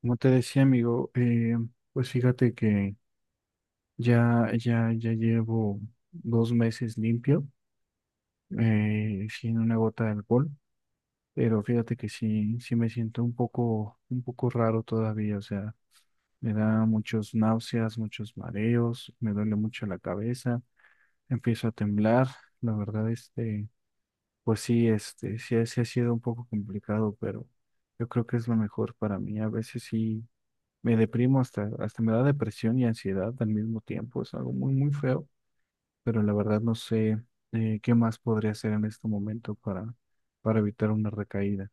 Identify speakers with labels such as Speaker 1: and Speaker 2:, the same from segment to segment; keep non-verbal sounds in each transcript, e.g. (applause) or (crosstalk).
Speaker 1: Como te decía, amigo, pues fíjate que ya llevo dos meses limpio, sin una gota de alcohol, pero fíjate que sí, sí me siento un poco raro todavía. O sea, me da muchos náuseas, muchos mareos, me duele mucho la cabeza, empiezo a temblar, la verdad, este, pues sí, este, sí, sí ha sido un poco complicado, pero yo creo que es lo mejor para mí, a veces sí. Me deprimo, hasta me da depresión y ansiedad al mismo tiempo. Es algo muy, muy feo, pero la verdad no sé, qué más podría hacer en este momento para, evitar una recaída.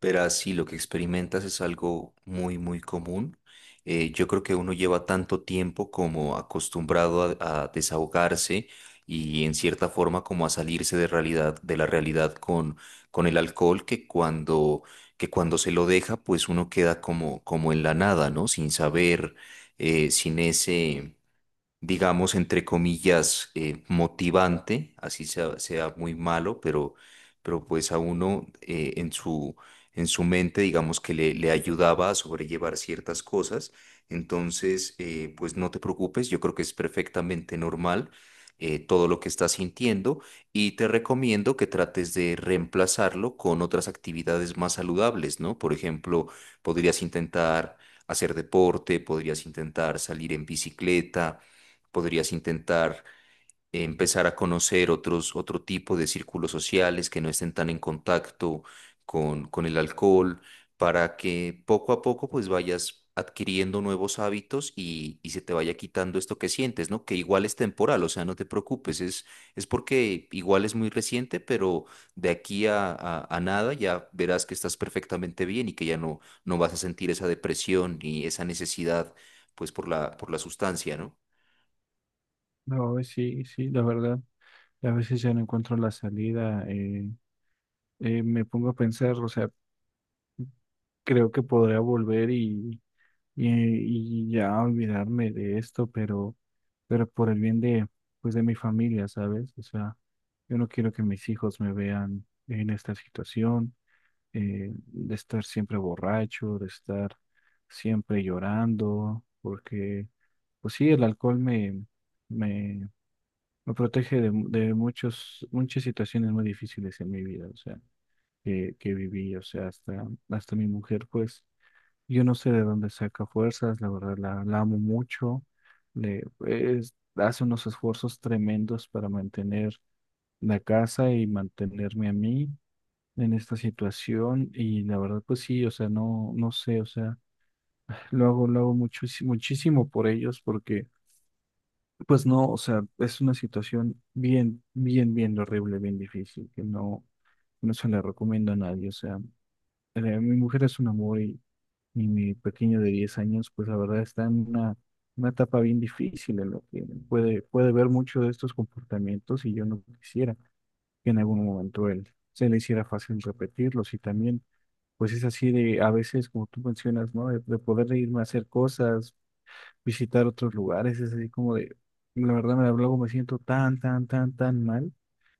Speaker 2: Verás, sí, lo que experimentas es algo muy, muy común. Yo creo que uno lleva tanto tiempo como acostumbrado a desahogarse y en cierta forma como a salirse de realidad, de la realidad con el alcohol que cuando se lo deja, pues uno queda como en la nada, ¿no? Sin saber, sin ese digamos, entre comillas, motivante, así sea, sea muy malo, pero pues a uno en en su mente, digamos, que le ayudaba a sobrellevar ciertas cosas. Entonces, pues no te preocupes, yo creo que es perfectamente normal. Todo lo que estás sintiendo y te recomiendo que trates de reemplazarlo con otras actividades más saludables, ¿no? Por ejemplo, podrías intentar hacer deporte, podrías intentar salir en bicicleta, podrías intentar empezar a conocer otro tipo de círculos sociales que no estén tan en contacto con el alcohol, para que poco a poco pues vayas adquiriendo nuevos hábitos y se te vaya quitando esto que sientes, ¿no? Que igual es temporal, o sea, no te preocupes, es porque igual es muy reciente, pero de aquí a nada ya verás que estás perfectamente bien y que ya no vas a sentir esa depresión ni esa necesidad pues por por la sustancia, ¿no?
Speaker 1: No, sí, sí, la verdad. A veces ya no encuentro la salida. Me pongo a pensar, o sea, creo que podría volver y, ya olvidarme de esto, pero por el bien de, pues, de mi familia, ¿sabes? O sea, yo no quiero que mis hijos me vean en esta situación. De estar siempre borracho, de estar siempre llorando, porque, pues sí, el alcohol me, me protege de muchos, muchas situaciones muy difíciles en mi vida. O sea, que viví, o sea, hasta mi mujer, pues, yo no sé de dónde saca fuerzas, la verdad, la amo mucho, le, pues, hace unos esfuerzos tremendos para mantener la casa y mantenerme a mí en esta situación. Y la verdad pues sí, o sea, no, no sé, o sea, lo hago muchísimo, muchísimo por ellos, porque pues no, o sea, es una situación bien, bien, bien horrible, bien difícil, que no, no se la recomiendo a nadie. O sea, mi mujer es un amor, y mi pequeño de 10 años, pues la verdad está en una etapa bien difícil, en lo que puede ver mucho de estos comportamientos, y yo no quisiera que en algún momento él se le hiciera fácil repetirlos. Y también, pues es así de, a veces, como tú mencionas, ¿no? De poder irme a hacer cosas, visitar otros lugares. Es así como de, la verdad, me, luego me siento tan, tan, tan, tan mal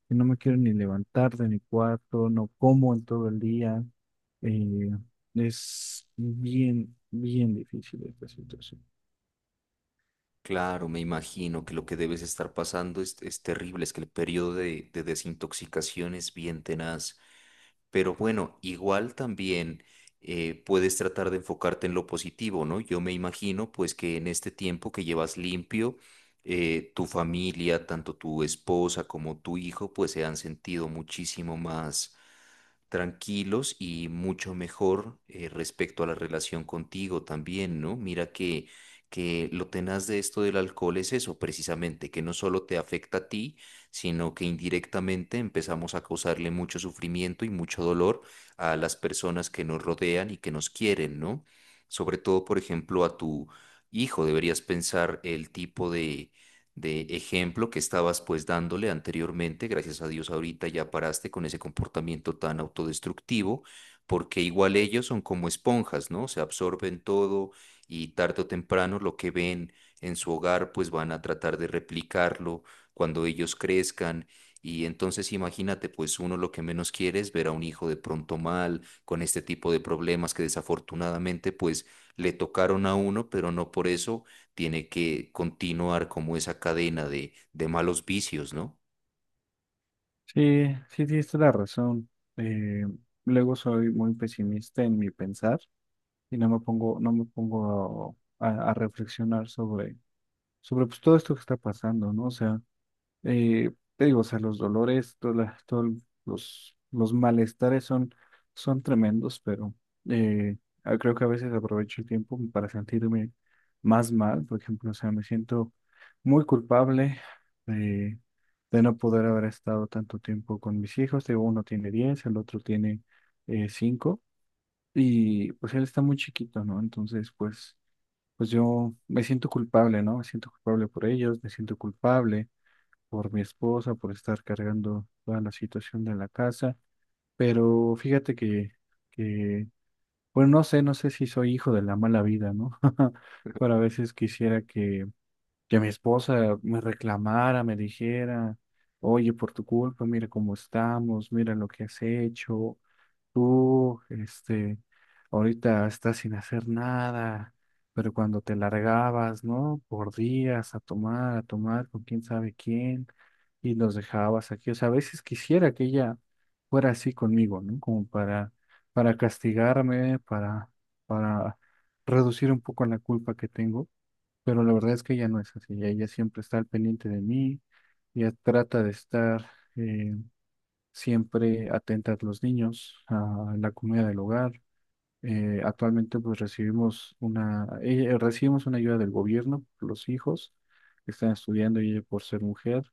Speaker 1: que no me quiero ni levantar de mi cuarto, no como en todo el día. eh, es bien, bien difícil esta situación.
Speaker 2: Claro, me imagino que lo que debes estar pasando es terrible, es que el periodo de desintoxicación es bien tenaz, pero bueno, igual también puedes tratar de enfocarte en lo positivo, ¿no? Yo me imagino pues que en este tiempo que llevas limpio, tu familia, tanto tu esposa como tu hijo, pues se han sentido muchísimo más tranquilos y mucho mejor respecto a la relación contigo también, ¿no? Mira que lo tenaz de esto del alcohol es eso, precisamente, que no solo te afecta a ti, sino que indirectamente empezamos a causarle mucho sufrimiento y mucho dolor a las personas que nos rodean y que nos quieren, ¿no? Sobre todo, por ejemplo, a tu hijo, deberías pensar el tipo de ejemplo que estabas pues dándole anteriormente. Gracias a Dios ahorita ya paraste con ese comportamiento tan autodestructivo, porque igual ellos son como esponjas, ¿no? Se absorben todo y tarde o temprano lo que ven en su hogar pues van a tratar de replicarlo cuando ellos crezcan. Y entonces imagínate, pues uno lo que menos quiere es ver a un hijo de pronto mal, con este tipo de problemas que desafortunadamente pues le tocaron a uno, pero no por eso tiene que continuar como esa cadena de malos vicios, ¿no?
Speaker 1: Sí, sí, tienes toda la razón. Eh, Luego soy muy pesimista en mi pensar, y no me pongo a reflexionar sobre, pues, todo esto que está pasando, ¿no? O sea, te digo, o sea, los dolores, todos los malestares son, son tremendos. Pero eh, creo que a veces aprovecho el tiempo para sentirme más mal. Por ejemplo, o sea, me siento muy culpable de, de, no poder haber estado tanto tiempo con mis hijos. Te digo, uno tiene diez, el otro tiene cinco, y pues él está muy chiquito, ¿no? Entonces, pues yo me siento culpable, ¿no? Me siento culpable por ellos, me siento culpable por mi esposa, por estar cargando toda la situación de la casa. Pero fíjate que, bueno, no sé, no sé si soy hijo de la mala vida, ¿no? (laughs) Pero a veces quisiera que mi esposa me reclamara, me dijera: oye, por tu culpa, mira cómo estamos, mira lo que has hecho tú, este, ahorita estás sin hacer nada, pero cuando te largabas, ¿no? Por días a tomar con quién sabe quién, y los dejabas aquí. O sea, a veces quisiera que ella fuera así conmigo, ¿no? Como para castigarme, para reducir un poco la culpa que tengo. Pero la verdad es que ella no es así, ella siempre está al pendiente de mí, ella trata de estar... eh, siempre atentas los niños, a la comida del hogar. Actualmente pues recibimos una ayuda del gobierno, por los hijos que están estudiando y ella por ser mujer.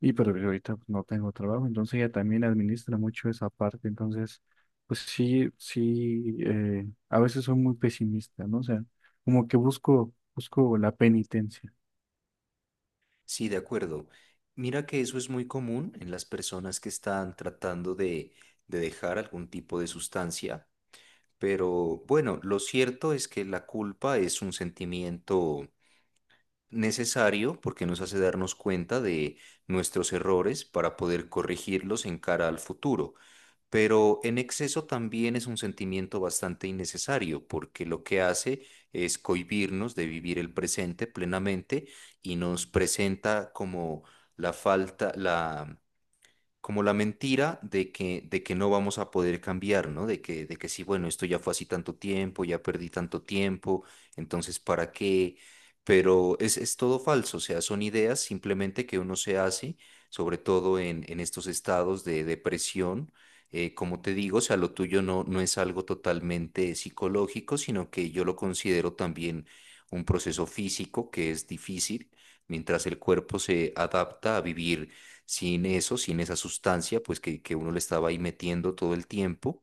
Speaker 1: Y pero yo ahorita pues no tengo trabajo, entonces ella también administra mucho esa parte. Entonces pues sí, sí, a veces soy muy pesimista, ¿no? O sea, como que busco la penitencia.
Speaker 2: Sí, de acuerdo. Mira que eso es muy común en las personas que están tratando de dejar algún tipo de sustancia, pero bueno, lo cierto es que la culpa es un sentimiento necesario porque nos hace darnos cuenta de nuestros errores para poder corregirlos en cara al futuro. Pero en exceso también es un sentimiento bastante innecesario, porque lo que hace es cohibirnos de vivir el presente plenamente y nos presenta como la falta, la como la mentira de de que no vamos a poder cambiar, ¿no? De de que sí, bueno, esto ya fue así tanto tiempo, ya perdí tanto tiempo, entonces, ¿para qué? Pero es todo falso, o sea, son ideas simplemente que uno se hace, sobre todo en estos estados de depresión. Como te digo, o sea, lo tuyo no es algo totalmente psicológico, sino que yo lo considero también un proceso físico que es difícil mientras el cuerpo se adapta a vivir sin eso, sin esa sustancia, pues que uno le estaba ahí metiendo todo el tiempo.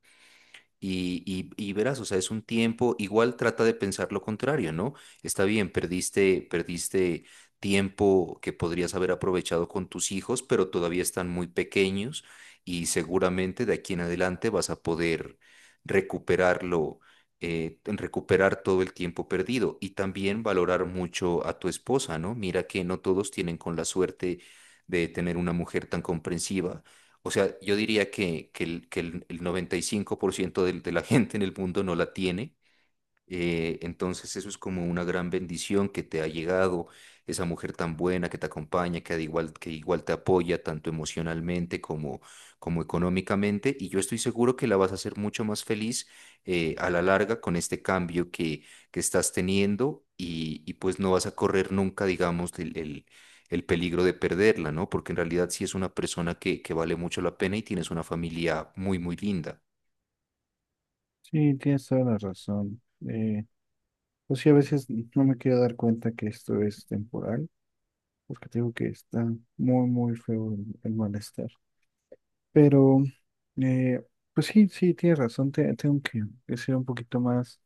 Speaker 2: Y verás, o sea, es un tiempo, igual trata de pensar lo contrario, ¿no? Está bien, perdiste, perdiste tiempo que podrías haber aprovechado con tus hijos, pero todavía están muy pequeños y seguramente de aquí en adelante vas a poder recuperarlo, en recuperar todo el tiempo perdido y también valorar mucho a tu esposa, ¿no? Mira que no todos tienen con la suerte de tener una mujer tan comprensiva, o sea, yo diría el 95% de la (laughs) gente en el mundo no la tiene. Entonces eso es como una gran bendición que te ha llegado, esa mujer tan buena que te acompaña, que, al igual, que igual te apoya tanto emocionalmente como, como económicamente. Y yo estoy seguro que la vas a hacer mucho más feliz a la larga con este cambio que estás teniendo y pues no vas a correr nunca, digamos, el peligro de perderla, ¿no? Porque en realidad sí es una persona que vale mucho la pena y tienes una familia muy, muy linda.
Speaker 1: Sí, tienes toda la razón. Eh, pues sí, a veces no me quiero dar cuenta que esto es temporal, porque te digo que está muy, muy feo el malestar. Pero, eh, pues sí, sí, tienes razón, tengo que, ser un poquito más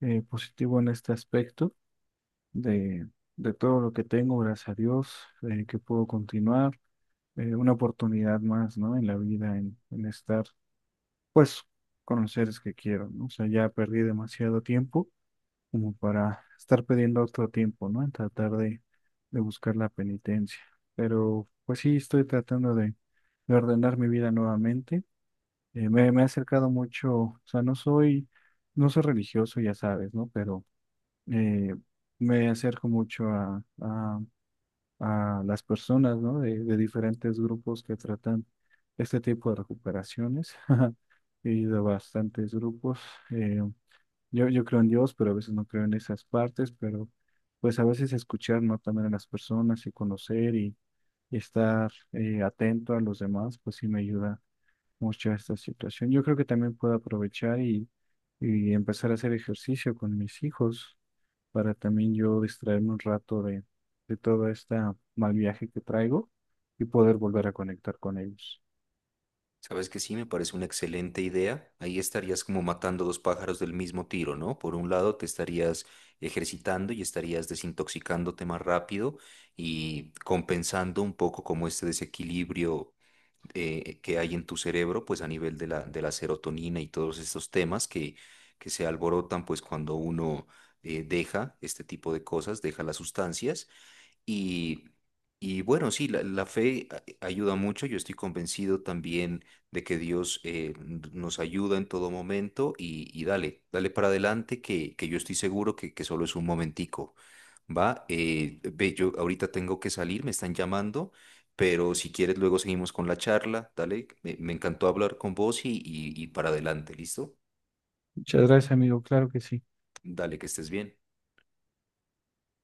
Speaker 1: positivo en este aspecto de, de todo lo que tengo, gracias a Dios, que puedo continuar, una oportunidad más, ¿no? En la vida, en estar, pues, con los seres que quiero, ¿no? O sea, ya perdí demasiado tiempo como para estar pidiendo otro tiempo, ¿no? En tratar de, buscar la penitencia. Pero pues sí, estoy tratando de ordenar mi vida nuevamente. Me he acercado mucho, o sea, no soy religioso, ya sabes, ¿no? Pero eh, me acerco mucho a las personas, ¿no? De diferentes grupos que tratan este tipo de recuperaciones. (laughs) He ido a bastantes grupos. eh, yo creo en Dios, pero a veces no creo en esas partes. Pero pues a veces escuchar, ¿no? También a las personas y conocer, y, estar atento a los demás, pues sí me ayuda mucho a esta situación. Yo creo que también puedo aprovechar y, empezar a hacer ejercicio con mis hijos, para también yo distraerme un rato de todo este mal viaje que traigo, y poder volver a conectar con ellos.
Speaker 2: Sabes que sí, me parece una excelente idea. Ahí estarías como matando dos pájaros del mismo tiro, ¿no? Por un lado, te estarías ejercitando y estarías desintoxicándote más rápido y compensando un poco como este desequilibrio que hay en tu cerebro, pues a nivel de de la serotonina y todos estos temas que se alborotan, pues cuando uno deja este tipo de cosas, deja las sustancias. Y, y bueno, sí, la fe ayuda mucho. Yo estoy convencido también de que Dios nos ayuda en todo momento y dale, dale para adelante que yo estoy seguro que solo es un momentico. Va, ve, yo ahorita tengo que salir, me están llamando, pero si quieres luego seguimos con la charla, dale, me encantó hablar con vos y para adelante, ¿listo?
Speaker 1: Muchas gracias, amigo. Claro que sí.
Speaker 2: Dale, que estés bien.